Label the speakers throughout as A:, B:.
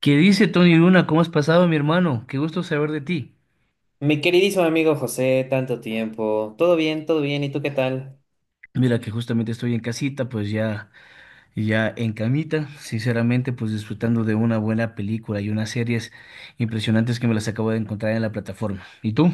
A: ¿Qué dice Tony Luna? ¿Cómo has pasado, mi hermano? Qué gusto saber de ti.
B: Mi queridísimo amigo José, tanto tiempo. ¿Todo bien? ¿Todo bien? ¿Y tú qué tal?
A: Mira que justamente estoy en casita, pues ya, ya en camita, sinceramente, pues disfrutando de una buena película y unas series impresionantes que me las acabo de encontrar en la plataforma. ¿Y tú?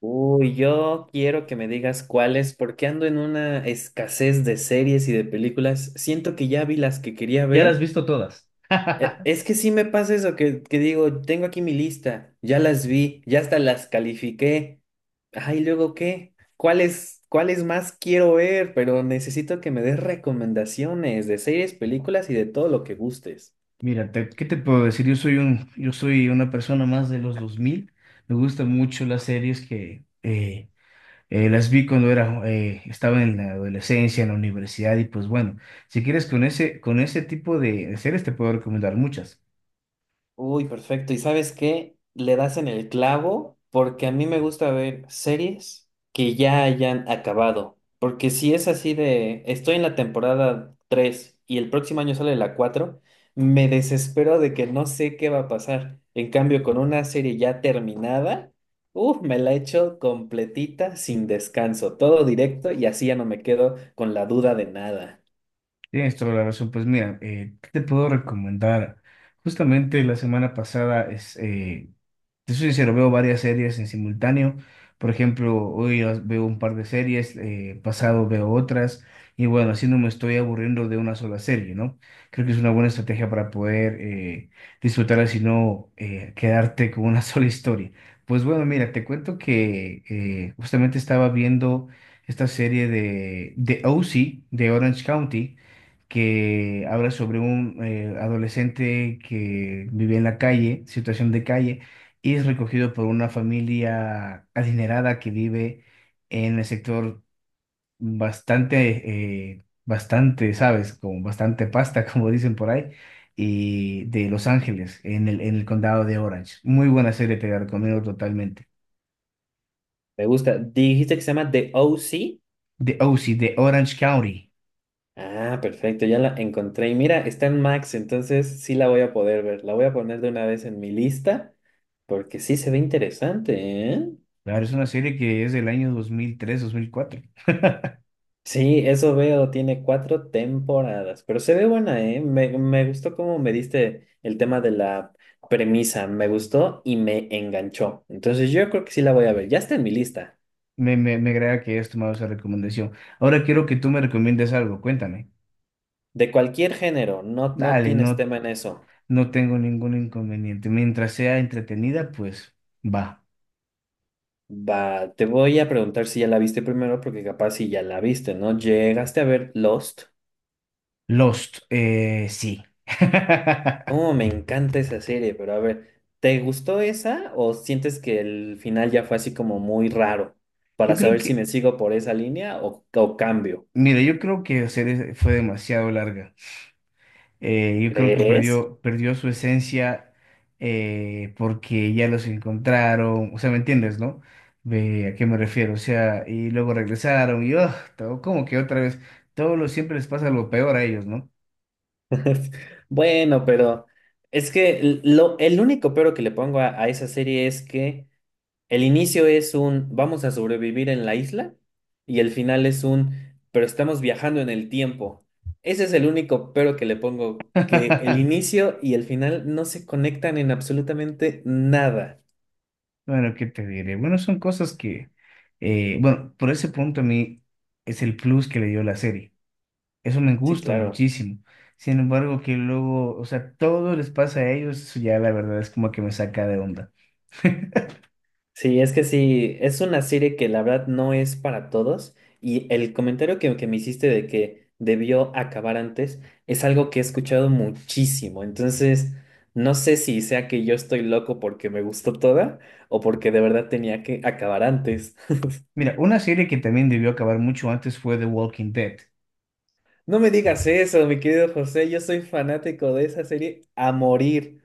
B: Uy, yo quiero que me digas cuáles, porque ando en una escasez de series y de películas. Siento que ya vi las que quería
A: Ya las has
B: ver.
A: visto todas.
B: E- Es que sí me pasa eso, que digo, tengo aquí mi lista, ya las vi, ya hasta las califiqué. Ay, ¿luego qué? ¿Cuáles más quiero ver? Pero necesito que me des recomendaciones de series, películas y de todo lo que gustes.
A: Mira, ¿qué te puedo decir? Yo soy una persona más de los 2000. Me gustan mucho las series que, las vi cuando era, estaba en la adolescencia, en la universidad, y pues bueno, si quieres con ese tipo de series te puedo recomendar muchas.
B: Uy, perfecto. ¿Y sabes qué? Le das en el clavo porque a mí me gusta ver series que ya hayan acabado. Porque si es así de, estoy en la temporada 3 y el próximo año sale la 4, me desespero de que no sé qué va a pasar. En cambio, con una serie ya terminada, uff, me la echo completita, sin descanso, todo directo y así ya no me quedo con la duda de nada.
A: Tienes toda la razón. Pues mira, ¿qué te puedo recomendar? Justamente la semana pasada es, Te soy sincero, veo varias series en simultáneo. Por ejemplo, hoy veo un par de series, pasado veo otras, y bueno, así no me estoy aburriendo de una sola serie, ¿no? Creo que es una buena estrategia para poder disfrutarla, sino quedarte con una sola historia. Pues bueno, mira, te cuento que justamente estaba viendo esta serie de, OC, de Orange County, que habla sobre un adolescente que vive en la calle, situación de calle, y es recogido por una familia adinerada que vive en el sector bastante, ¿sabes? Como bastante pasta, como dicen por ahí, y de Los Ángeles, en el condado de Orange. Muy buena serie, te la recomiendo totalmente.
B: Me gusta. Dijiste que se llama The OC.
A: The OC, de Orange County.
B: Ah, perfecto, ya la encontré. Y mira, está en Max, entonces sí la voy a poder ver. La voy a poner de una vez en mi lista, porque sí se ve interesante, ¿eh?
A: Claro, es una serie que es del año 2003, 2004.
B: Sí, eso veo, tiene 4 temporadas, pero se ve buena, ¿eh? Me gustó cómo me diste el tema de la premisa, me gustó y me enganchó. Entonces yo creo que sí la voy a ver, ya está en mi lista.
A: Me agrada que hayas tomado esa recomendación. Ahora quiero que tú me recomiendes algo, cuéntame.
B: De cualquier género, no, no
A: Dale,
B: tienes
A: no,
B: tema en eso.
A: no tengo ningún inconveniente. Mientras sea entretenida, pues va.
B: Va, te voy a preguntar si ya la viste primero, porque capaz si ya la viste, ¿no? ¿Llegaste a ver Lost?
A: Lost, sí.
B: Oh, me encanta esa serie, pero a ver, ¿te gustó esa o sientes que el final ya fue así como muy raro? Para
A: Yo creo
B: saber si
A: que,
B: me sigo por esa línea o cambio.
A: yo creo que la serie fue demasiado larga. Yo creo que
B: ¿Crees?
A: perdió su esencia, porque ya los encontraron. O sea, ¿me entiendes, no? Ve, ¿a qué me refiero? O sea, y luego regresaron y oh, todo, como que otra vez, todo lo siempre les pasa lo peor a ellos, ¿no?
B: Bueno, pero es que el único pero que le pongo a esa serie es que... El inicio es un vamos a sobrevivir en la isla y el final es un pero estamos viajando en el tiempo. Ese es el único pero que le pongo, que el inicio y el final no se conectan en absolutamente nada.
A: Bueno, ¿qué te diré? Bueno, son cosas que, bueno, por ese punto a mí es el plus que le dio la serie. Eso me
B: Sí,
A: gusta
B: claro.
A: muchísimo. Sin embargo, que luego, o sea, todo les pasa a ellos, eso ya la verdad es como que me saca de onda.
B: Sí, es que sí, es una serie que la verdad no es para todos y el comentario que me hiciste de que debió acabar antes es algo que he escuchado muchísimo, entonces no sé si sea que yo estoy loco porque me gustó toda o porque de verdad tenía que acabar antes.
A: Mira, una serie que también debió acabar mucho antes fue The Walking Dead,
B: No me digas eso, mi querido José, yo soy fanático de esa serie a morir,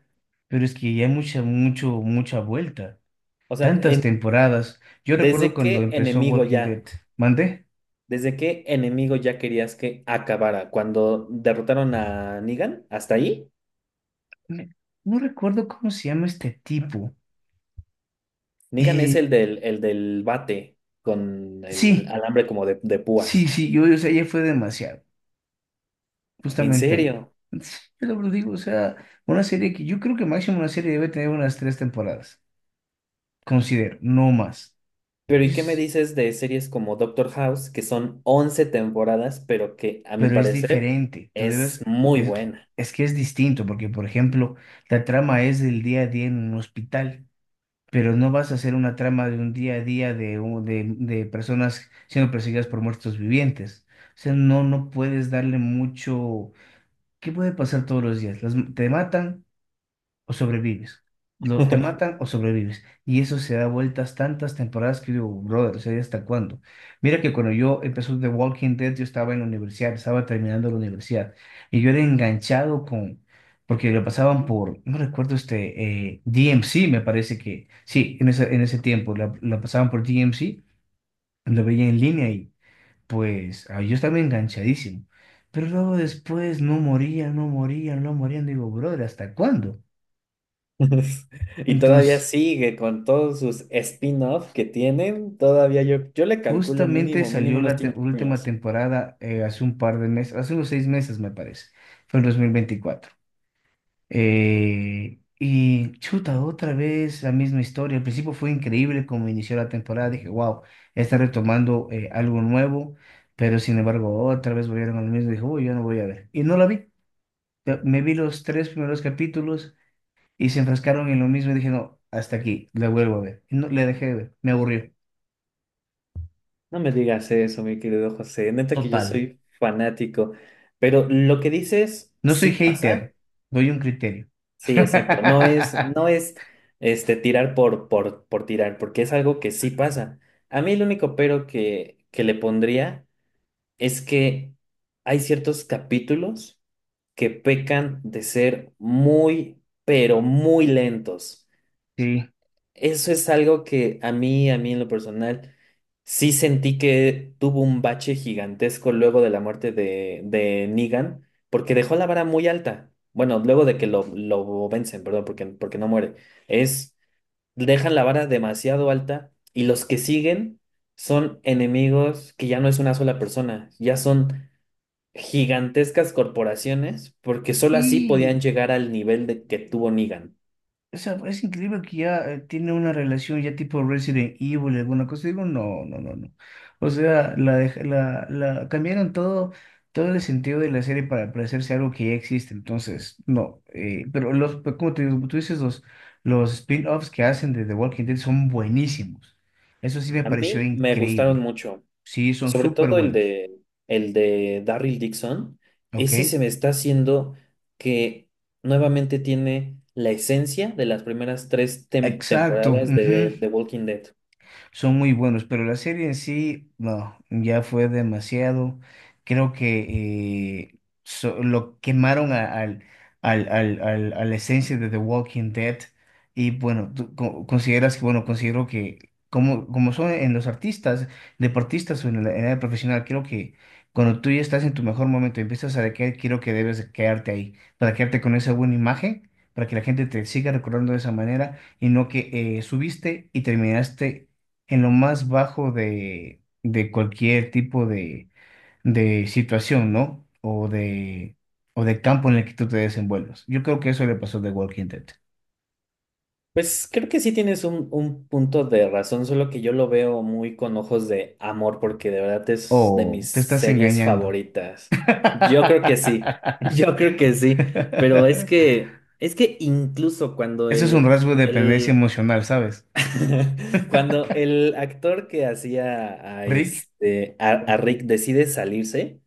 A: pero es que ya hay mucha vuelta.
B: o sea,
A: Tantas temporadas. Yo recuerdo
B: desde
A: cuando
B: qué
A: empezó
B: enemigo
A: Walking Dead.
B: ya.
A: ¿Mandé?
B: ¿Desde qué enemigo ya querías que acabara? Cuando derrotaron a Negan, hasta ahí.
A: Me- No recuerdo cómo se llama este tipo.
B: Negan es
A: Eh,
B: el del bate con el
A: sí.
B: alambre como de
A: Sí,
B: púas.
A: sí, yo, o sea, ya fue demasiado,
B: ¿En
A: justamente ahí.
B: serio?
A: Entonces, yo lo digo, o sea, una serie que yo creo que máximo una serie debe tener unas 3 temporadas, considero, no más.
B: Pero ¿y qué me
A: Es-
B: dices de series como Doctor House, que son 11 temporadas, pero que a mi
A: pero es
B: parecer
A: diferente,
B: es muy
A: es,
B: buena?
A: es que es distinto, porque por ejemplo, la trama es del día a día en un hospital, pero no vas a hacer una trama de un día a día de, de personas siendo perseguidas por muertos vivientes. O sea, no, no puedes darle mucho. ¿Qué puede pasar todos los días? Te matan o sobrevives. Te matan o sobrevives. Y eso se da vueltas tantas temporadas que yo digo, brother, o sea, ¿hasta cuándo? Mira que cuando yo empezó The Walking Dead, yo estaba en la universidad, estaba terminando la universidad. Y yo era enganchado con, porque lo pasaban por, no recuerdo este, DMC, me parece que, sí, en ese tiempo, la pasaban por DMC, lo veía en línea y pues ah, yo estaba enganchadísimo. Pero luego después no morían. Digo, brother, ¿hasta cuándo?
B: Y todavía
A: Entonces,
B: sigue con todos sus spin-offs que tienen, todavía yo le calculo
A: justamente
B: mínimo
A: salió
B: unos
A: la
B: 5
A: última
B: años.
A: temporada, hace un par de meses, hace unos seis meses me parece, fue en 2024. Y chuta, otra vez la misma historia. Al principio fue increíble como inició la temporada, dije, wow, está retomando algo nuevo, pero sin embargo otra vez volvieron a lo mismo, dije, uy, yo no voy a ver. Y no la vi. Me vi los 3 primeros capítulos y se enfrascaron en lo mismo y dije, no, hasta aquí, la vuelvo a ver. Y no, le dejé de ver, me aburrió.
B: No me digas eso, mi querido José. Neta que yo
A: Total.
B: soy fanático. Pero lo que dices
A: No soy
B: sí pasa.
A: hater, doy un criterio.
B: Sí, exacto. No es este, tirar por tirar, porque es algo que sí pasa. A mí el único pero que le pondría es que hay ciertos capítulos que pecan de ser muy, pero muy lentos.
A: Sí.
B: Eso es algo que a mí en lo personal, sí sentí que tuvo un bache gigantesco luego de la muerte de Negan, porque dejó la vara muy alta. Bueno, luego de que lo vencen, perdón, porque no muere. Es, dejan la vara demasiado alta y los que siguen son enemigos que ya no es una sola persona, ya son gigantescas corporaciones, porque solo así podían
A: Y,
B: llegar al nivel de que tuvo Negan.
A: o sea, es increíble que ya tiene una relación ya tipo Resident Evil, alguna cosa. Digo, no, no, no, no. O sea, la cambiaron todo, todo el sentido de la serie para parecerse a algo que ya existe. Entonces, no. Pero los, pero como te digo, como tú dices, los spin-offs que hacen de The Walking Dead son buenísimos. Eso sí me
B: A
A: pareció
B: mí me gustaron
A: increíble.
B: mucho.
A: Sí, son
B: Sobre
A: súper
B: todo
A: buenos.
B: el de Darryl Dixon,
A: ¿Ok?
B: ese se me está haciendo que nuevamente tiene la esencia de las primeras tres
A: Exacto.
B: temporadas
A: Ujú,
B: de The Walking Dead.
A: son muy buenos, pero la serie en sí, no, ya fue demasiado. Creo que lo quemaron a la esencia de The Walking Dead. Y bueno, consideras que, bueno, considero que como, como son en los artistas, deportistas o en la, en el área profesional, creo que cuando tú ya estás en tu mejor momento y empiezas a decaer, creo que debes quedarte ahí, para quedarte con esa buena imagen, para que la gente te siga recordando de esa manera y no que subiste y terminaste en lo más bajo de cualquier tipo de situación, ¿no? O de campo en el que tú te desenvuelvas. Yo creo que eso le pasó de Walking Dead.
B: Pues creo que sí tienes un punto de razón, solo que yo lo veo muy con ojos de amor, porque de verdad es de
A: Oh,
B: mis
A: te estás
B: series
A: engañando.
B: favoritas. Yo creo que sí, yo creo que sí, pero es que incluso cuando
A: Eso es un
B: el,
A: rasgo de dependencia
B: el
A: emocional, ¿sabes?
B: cuando el actor que hacía a
A: Rick.
B: este a,
A: ¿Por
B: a Rick
A: quién?
B: decide salirse,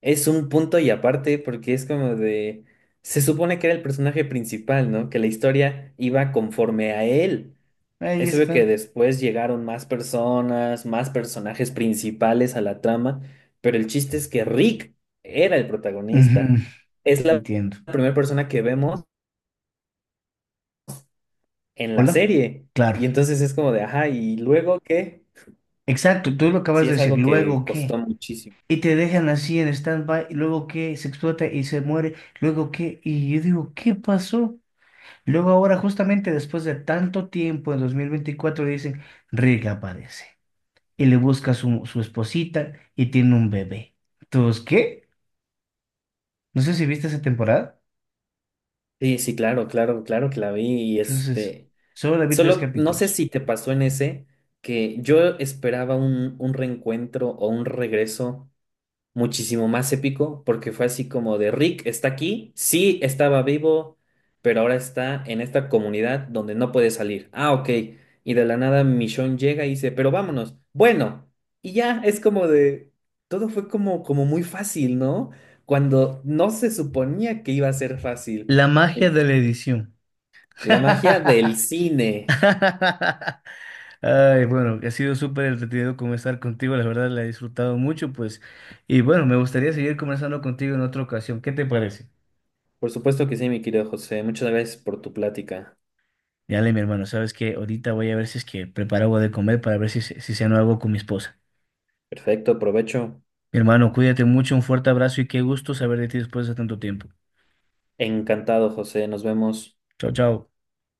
B: es un punto y aparte porque es como de se supone que era el personaje principal, ¿no? Que la historia iba conforme a él.
A: Ahí
B: Es obvio que
A: está.
B: después llegaron más personas, más personajes principales a la trama, pero el chiste es que Rick era el
A: Ujú.
B: protagonista. Es la
A: Entiendo.
B: primera persona que vemos en la
A: Hola.
B: serie.
A: Claro.
B: Y entonces es como de, ajá, ¿y luego qué?
A: Exacto, tú lo acabas
B: Sí,
A: de
B: es
A: decir.
B: algo que
A: ¿Luego
B: costó
A: qué?
B: muchísimo.
A: Y te dejan así en stand-by, y luego que se explota y se muere, luego que, y yo digo, ¿qué pasó? Luego ahora, justamente después de tanto tiempo, en 2024, dicen, Rick aparece y le busca su esposita y tiene un bebé. Entonces, ¿qué? No sé si viste esa temporada.
B: Sí, sí, claro, claro, claro que la vi y
A: Entonces,
B: este,
A: solo la vi tres
B: solo no sé
A: capítulos.
B: si te pasó en ese que yo esperaba un reencuentro o un regreso muchísimo más épico porque fue así como de Rick está aquí, sí estaba vivo, pero ahora está en esta comunidad donde no puede salir. Ah, ok. Y de la nada Michonne llega y dice, pero vámonos. Bueno, y ya es como de, todo fue como, como muy fácil, ¿no? Cuando no se suponía que iba a ser fácil.
A: La magia
B: En-
A: de la edición.
B: La magia del cine.
A: Ay, bueno, ha sido súper entretenido conversar contigo, la verdad la he disfrutado mucho, pues, y bueno, me gustaría seguir conversando contigo en otra ocasión, ¿qué te parece?
B: Por supuesto que sí, mi querido José. Muchas gracias por tu plática.
A: Dale, mi hermano, sabes que ahorita voy a ver si es que preparo algo de comer para ver si, si ceno algo con mi esposa.
B: Perfecto, provecho.
A: Mi hermano, cuídate mucho, un fuerte abrazo y qué gusto saber de ti después de tanto tiempo.
B: Encantado, José. Nos vemos.
A: Chao, chao.